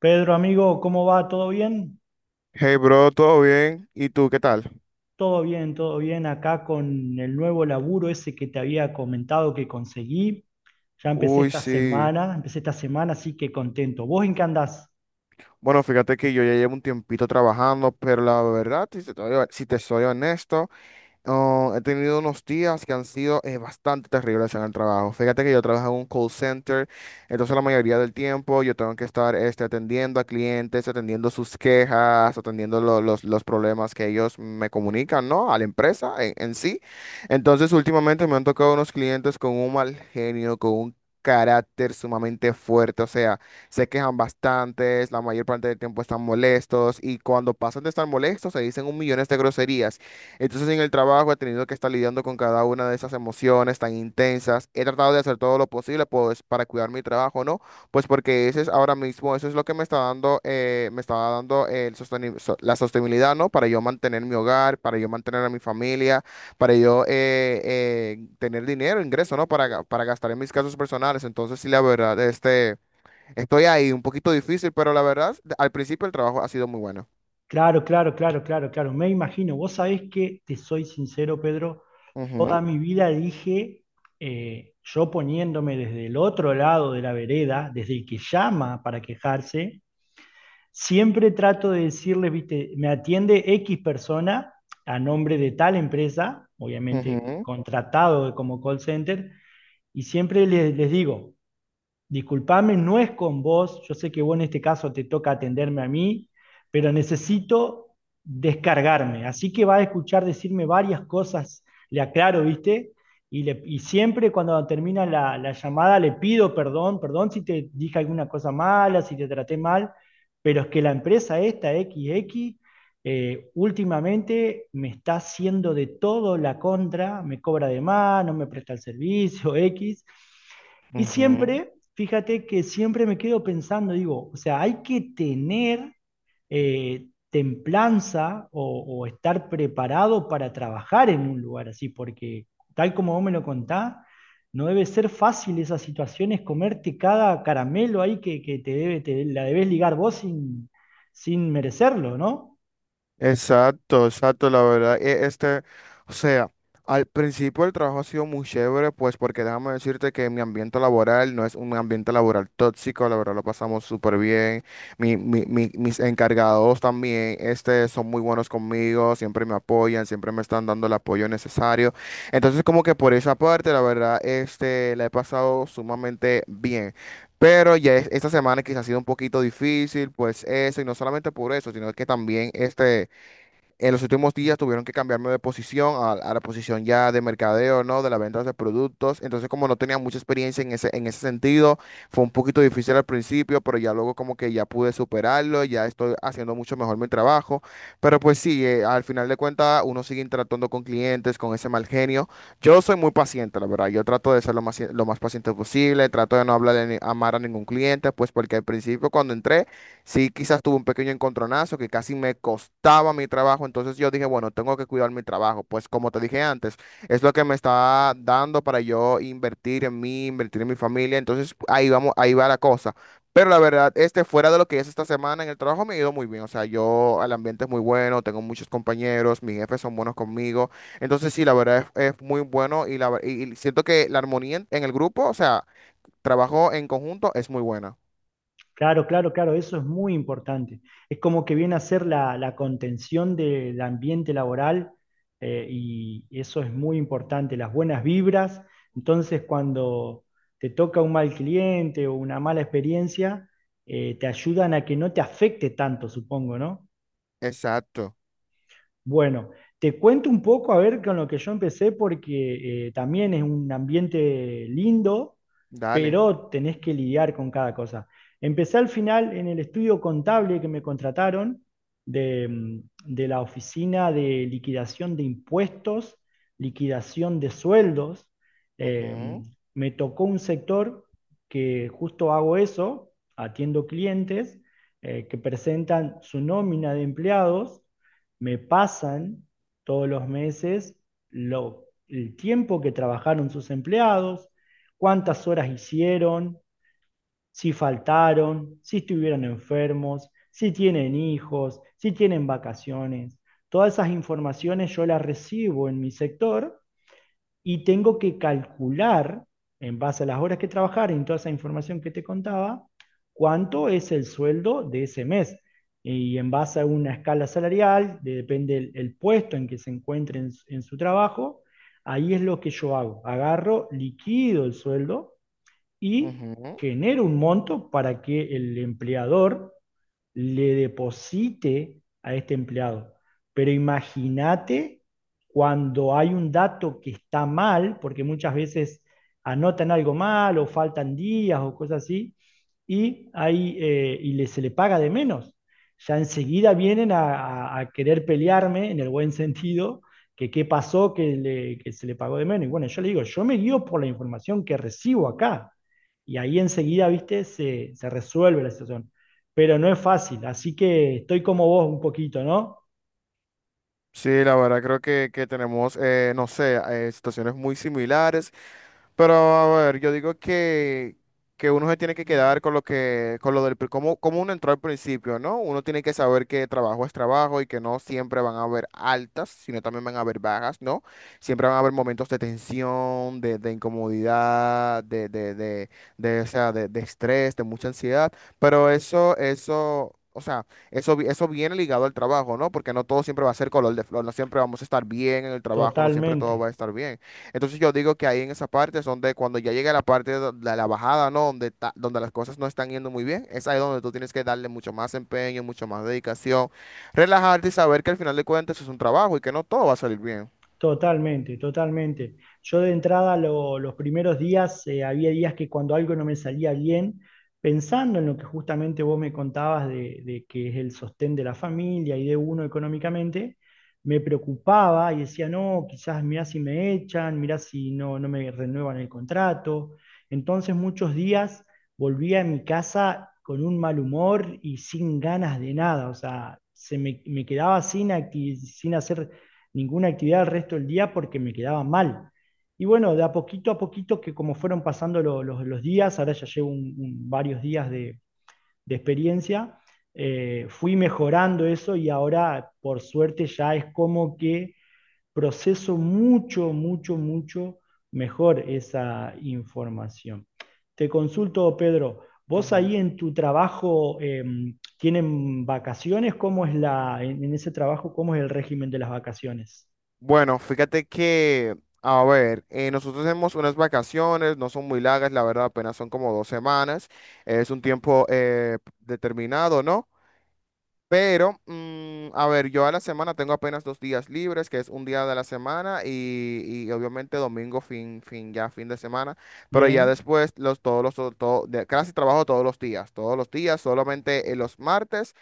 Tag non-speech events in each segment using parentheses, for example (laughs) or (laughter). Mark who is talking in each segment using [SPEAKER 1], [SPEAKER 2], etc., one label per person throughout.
[SPEAKER 1] Pedro, amigo, ¿cómo va? ¿Todo bien?
[SPEAKER 2] Hey bro, ¿todo bien? ¿Y tú qué tal?
[SPEAKER 1] Todo bien, todo bien. Acá con el nuevo laburo ese que te había comentado que conseguí. Ya
[SPEAKER 2] Uy, sí.
[SPEAKER 1] empecé esta semana, así que contento. ¿Vos en qué andás?
[SPEAKER 2] Bueno, fíjate que yo ya llevo un tiempito trabajando, pero la verdad, si te soy honesto. Oh, he tenido unos días que han sido bastante terribles en el trabajo. Fíjate que yo trabajo en un call center, entonces la mayoría del tiempo yo tengo que estar este, atendiendo a clientes, atendiendo sus quejas, atendiendo los problemas que ellos me comunican, ¿no? A la empresa en sí. Entonces últimamente me han tocado unos clientes con un mal genio, con un carácter sumamente fuerte, o sea, se quejan bastantes, la mayor parte del tiempo están molestos y cuando pasan de estar molestos se dicen un millón de groserías. Entonces en el trabajo he tenido que estar lidiando con cada una de esas emociones tan intensas. He tratado de hacer todo lo posible pues para cuidar mi trabajo, ¿no? Pues porque ese es ahora mismo, eso es lo que me está dando la sostenibilidad, ¿no? Para yo mantener mi hogar, para yo mantener a mi familia, para yo tener dinero, ingreso, ¿no? Para gastar en mis casos personales. Entonces sí, la verdad, estoy ahí un poquito difícil, pero la verdad, al principio el trabajo ha sido muy bueno.
[SPEAKER 1] Claro, claro, claro, claro, claro. Me imagino. Vos sabés que, te soy sincero, Pedro, toda
[SPEAKER 2] Ujú,
[SPEAKER 1] mi vida dije, yo poniéndome desde el otro lado de la vereda, desde el que llama para quejarse, siempre trato de decirles, viste, me atiende X persona a nombre de tal empresa, obviamente
[SPEAKER 2] ujú.
[SPEAKER 1] contratado como call center, y siempre les digo, disculpame, no es con vos. Yo sé que vos en este caso te toca atenderme a mí, pero necesito descargarme. Así que va a escuchar decirme varias cosas, le aclaro, ¿viste? Y, y siempre cuando termina la llamada le pido perdón, perdón si te dije alguna cosa mala, si te traté mal, pero es que la empresa esta, XX, últimamente me está haciendo de todo la contra, me cobra de más, no me presta el servicio, X. Y
[SPEAKER 2] Ujú.
[SPEAKER 1] siempre, fíjate que siempre me quedo pensando, digo, o sea, hay que tener templanza o estar preparado para trabajar en un lugar así, porque tal como vos me lo contás, no debe ser fácil esas situaciones, comerte cada caramelo ahí que te debe, te, la debes ligar vos sin, sin merecerlo, ¿no?
[SPEAKER 2] Exacto, exacto, la verdad, o sea, al principio el trabajo ha sido muy chévere, pues porque déjame decirte que mi ambiente laboral no es un ambiente laboral tóxico, la verdad lo pasamos súper bien, mis encargados también, son muy buenos conmigo, siempre me apoyan, siempre me están dando el apoyo necesario, entonces como que por esa parte, la verdad, la he pasado sumamente bien. Pero ya esta semana quizás ha sido un poquito difícil, pues eso, y no solamente por eso, sino que también en los últimos días tuvieron que cambiarme de posición a la posición ya de mercadeo, ¿no? De la venta de productos. Entonces, como no tenía mucha experiencia en ese sentido, fue un poquito difícil al principio, pero ya luego como que ya pude superarlo, ya estoy haciendo mucho mejor mi trabajo. Pero pues sí, al final de cuentas uno sigue interactuando con clientes, con ese mal genio. Yo soy muy paciente, la verdad. Yo trato de ser lo más paciente posible, trato de no hablar a, ni- a mal a ningún cliente, pues porque al principio cuando entré. Sí, quizás tuve un pequeño encontronazo que casi me costaba mi trabajo, entonces yo dije, bueno, tengo que cuidar mi trabajo, pues como te dije antes, es lo que me está dando para yo invertir en mí, invertir en mi familia, entonces ahí vamos, ahí va la cosa. Pero la verdad, este fuera de lo que es esta semana en el trabajo me ha ido muy bien, o sea, yo, el ambiente es muy bueno, tengo muchos compañeros, mis jefes son buenos conmigo, entonces sí, la verdad es muy bueno y siento que la armonía en el grupo, o sea, trabajo en conjunto es muy buena.
[SPEAKER 1] Claro, claro, claro, eso es muy importante. Es como que viene a ser la contención del ambiente laboral y eso es muy importante, las buenas vibras. Entonces, cuando te toca un mal cliente o una mala experiencia, te ayudan a que no te afecte tanto, supongo, ¿no?
[SPEAKER 2] Exacto,
[SPEAKER 1] Bueno, te cuento un poco a ver con lo que yo empecé porque también es un ambiente lindo,
[SPEAKER 2] dale.
[SPEAKER 1] pero tenés que lidiar con cada cosa. Empecé al final en el estudio contable que me contrataron de, de la oficina de liquidación de impuestos, liquidación de sueldos. Eh,
[SPEAKER 2] Ujú,
[SPEAKER 1] me tocó un sector que justo hago eso, atiendo clientes que presentan su nómina de empleados me pasan todos los meses el tiempo que trabajaron sus empleados, cuántas horas hicieron, si faltaron, si estuvieron enfermos, si tienen hijos, si tienen vacaciones. Todas esas informaciones yo las recibo en mi sector y tengo que calcular, en base a las horas que trabajaré, en toda esa información que te contaba, cuánto es el sueldo de ese mes. Y en base a una escala salarial, depende el puesto en que se encuentre en, en su trabajo, ahí es lo que yo hago. Agarro, liquido el sueldo y
[SPEAKER 2] ujú.
[SPEAKER 1] genera un monto para que el empleador le deposite a este empleado. Pero imagínate cuando hay un dato que está mal, porque muchas veces anotan algo mal o faltan días o cosas así, y, hay, y se le paga de menos. Ya enseguida vienen a, querer pelearme en el buen sentido, que qué pasó que, que se le pagó de menos. Y bueno, yo le digo, yo me guío por la información que recibo acá y ahí enseguida, viste, se resuelve la situación. Pero no es fácil, así que estoy como vos un poquito, ¿no?
[SPEAKER 2] Sí, la verdad creo que tenemos, no sé, situaciones muy similares, pero a ver, yo digo que uno se tiene que quedar con lo que, con lo del, pri- cómo uno entró al principio, ¿no? Uno tiene que saber que trabajo es trabajo y que no siempre van a haber altas, sino también van a haber bajas, ¿no? Siempre van a haber momentos de tensión, de incomodidad, o sea, de estrés, de mucha ansiedad, pero eso. O sea, eso viene ligado al trabajo, ¿no? Porque no todo siempre va a ser color de flor, no siempre vamos a estar bien en el trabajo, no siempre todo
[SPEAKER 1] Totalmente.
[SPEAKER 2] va a estar bien. Entonces yo digo que ahí en esa parte es donde cuando ya llega la parte de la bajada, ¿no? Donde las cosas no están yendo muy bien, es ahí donde tú tienes que darle mucho más empeño, mucho más dedicación, relajarte y saber que al final de cuentas es un trabajo y que no todo va a salir bien.
[SPEAKER 1] Totalmente, totalmente. Yo de entrada los primeros días, había días que cuando algo no me salía bien, pensando en lo que justamente vos me contabas de que es el sostén de la familia y de uno económicamente, me preocupaba y decía, no, quizás mirá si me echan, mirá si no, no me renuevan el contrato. Entonces muchos días volvía a mi casa con un mal humor y sin ganas de nada, o sea, se me, me quedaba sin hacer ninguna actividad el resto del día porque me quedaba mal. Y bueno, de a poquito, que como fueron pasando los días, ahora ya llevo varios días de experiencia, fui mejorando eso y ahora, por suerte, ya es como que proceso mucho, mucho, mucho mejor esa información. Te consulto, Pedro, vos ahí en tu trabajo, ¿tienen vacaciones? ¿Cómo es la, en ese trabajo, cómo es el régimen de las vacaciones?
[SPEAKER 2] Bueno, fíjate que, a ver, nosotros tenemos unas vacaciones, no son muy largas, la verdad, apenas son como 2 semanas, es un tiempo determinado, ¿no? Pero, a ver, yo a la semana tengo apenas 2 días libres, que es un día de la semana y obviamente domingo, ya fin de semana, pero ya
[SPEAKER 1] Bien.
[SPEAKER 2] después los, todos los, todo, de, casi trabajo todos los días, solamente los martes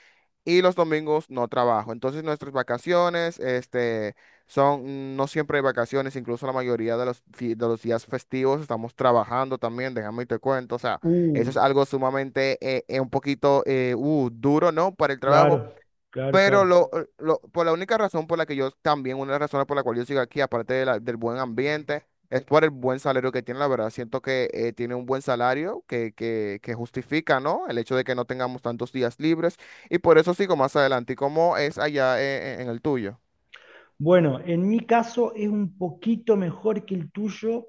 [SPEAKER 2] y los domingos no trabajo. Entonces nuestras vacaciones, no siempre hay vacaciones, incluso la mayoría de los días festivos estamos trabajando también, déjame y te cuento. O sea, eso es
[SPEAKER 1] Uh,
[SPEAKER 2] algo sumamente, un poquito, duro, ¿no? Para el trabajo.
[SPEAKER 1] claro, claro,
[SPEAKER 2] Pero
[SPEAKER 1] claro.
[SPEAKER 2] por la única razón por la que yo también, una de las razones por la cual yo sigo aquí, aparte de del buen ambiente, es por el buen salario que tiene. La verdad, siento que tiene un buen salario que justifica, ¿no? El hecho de que no tengamos tantos días libres. Y por eso sigo más adelante. ¿Y cómo es allá el tuyo?
[SPEAKER 1] Bueno, en mi caso es un poquito mejor que el tuyo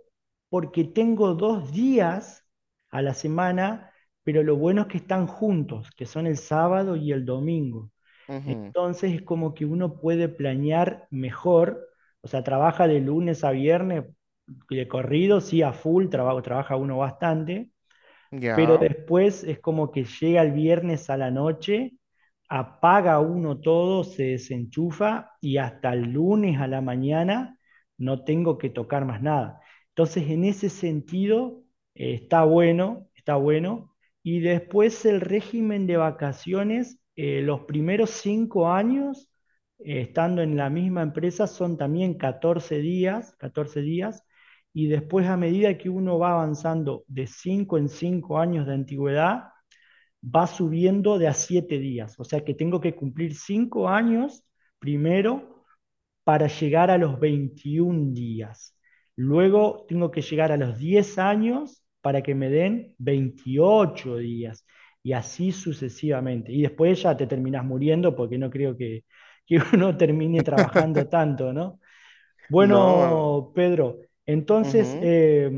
[SPEAKER 1] porque tengo 2 días a la semana, pero lo bueno es que están juntos, que son el sábado y el domingo.
[SPEAKER 2] Ujú.
[SPEAKER 1] Entonces es como que uno puede planear mejor, o sea, trabaja de lunes a viernes de corrido, sí, a full, trabajo, trabaja uno bastante, pero
[SPEAKER 2] Ya.
[SPEAKER 1] después es como que llega el viernes a la noche, apaga uno todo, se desenchufa y hasta el lunes a la mañana no tengo que tocar más nada. Entonces, en ese sentido, está bueno, está bueno. Y después el régimen de vacaciones, los primeros 5 años, estando en la misma empresa, son también 14 días, 14 días, y después a medida que uno va avanzando de 5 en 5 años de antigüedad, va subiendo de a 7 días. O sea que tengo que cumplir 5 años primero para llegar a los 21 días. Luego tengo que llegar a los 10 años para que me den 28 días. Y así sucesivamente. Y después ya te terminás muriendo porque no creo que (laughs) uno termine trabajando
[SPEAKER 2] (laughs)
[SPEAKER 1] tanto, ¿no?
[SPEAKER 2] No.
[SPEAKER 1] Bueno, Pedro, entonces
[SPEAKER 2] Ujú.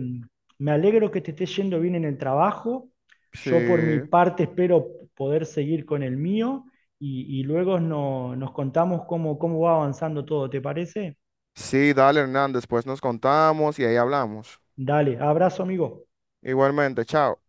[SPEAKER 1] me alegro que te esté yendo bien en el trabajo.
[SPEAKER 2] Sí.
[SPEAKER 1] Yo por mi parte espero poder seguir con el mío y luego nos contamos cómo, cómo va avanzando todo, ¿te parece?
[SPEAKER 2] Sí, dale, Hernández, después nos contamos y ahí hablamos.
[SPEAKER 1] Dale, abrazo, amigo.
[SPEAKER 2] Igualmente, chao.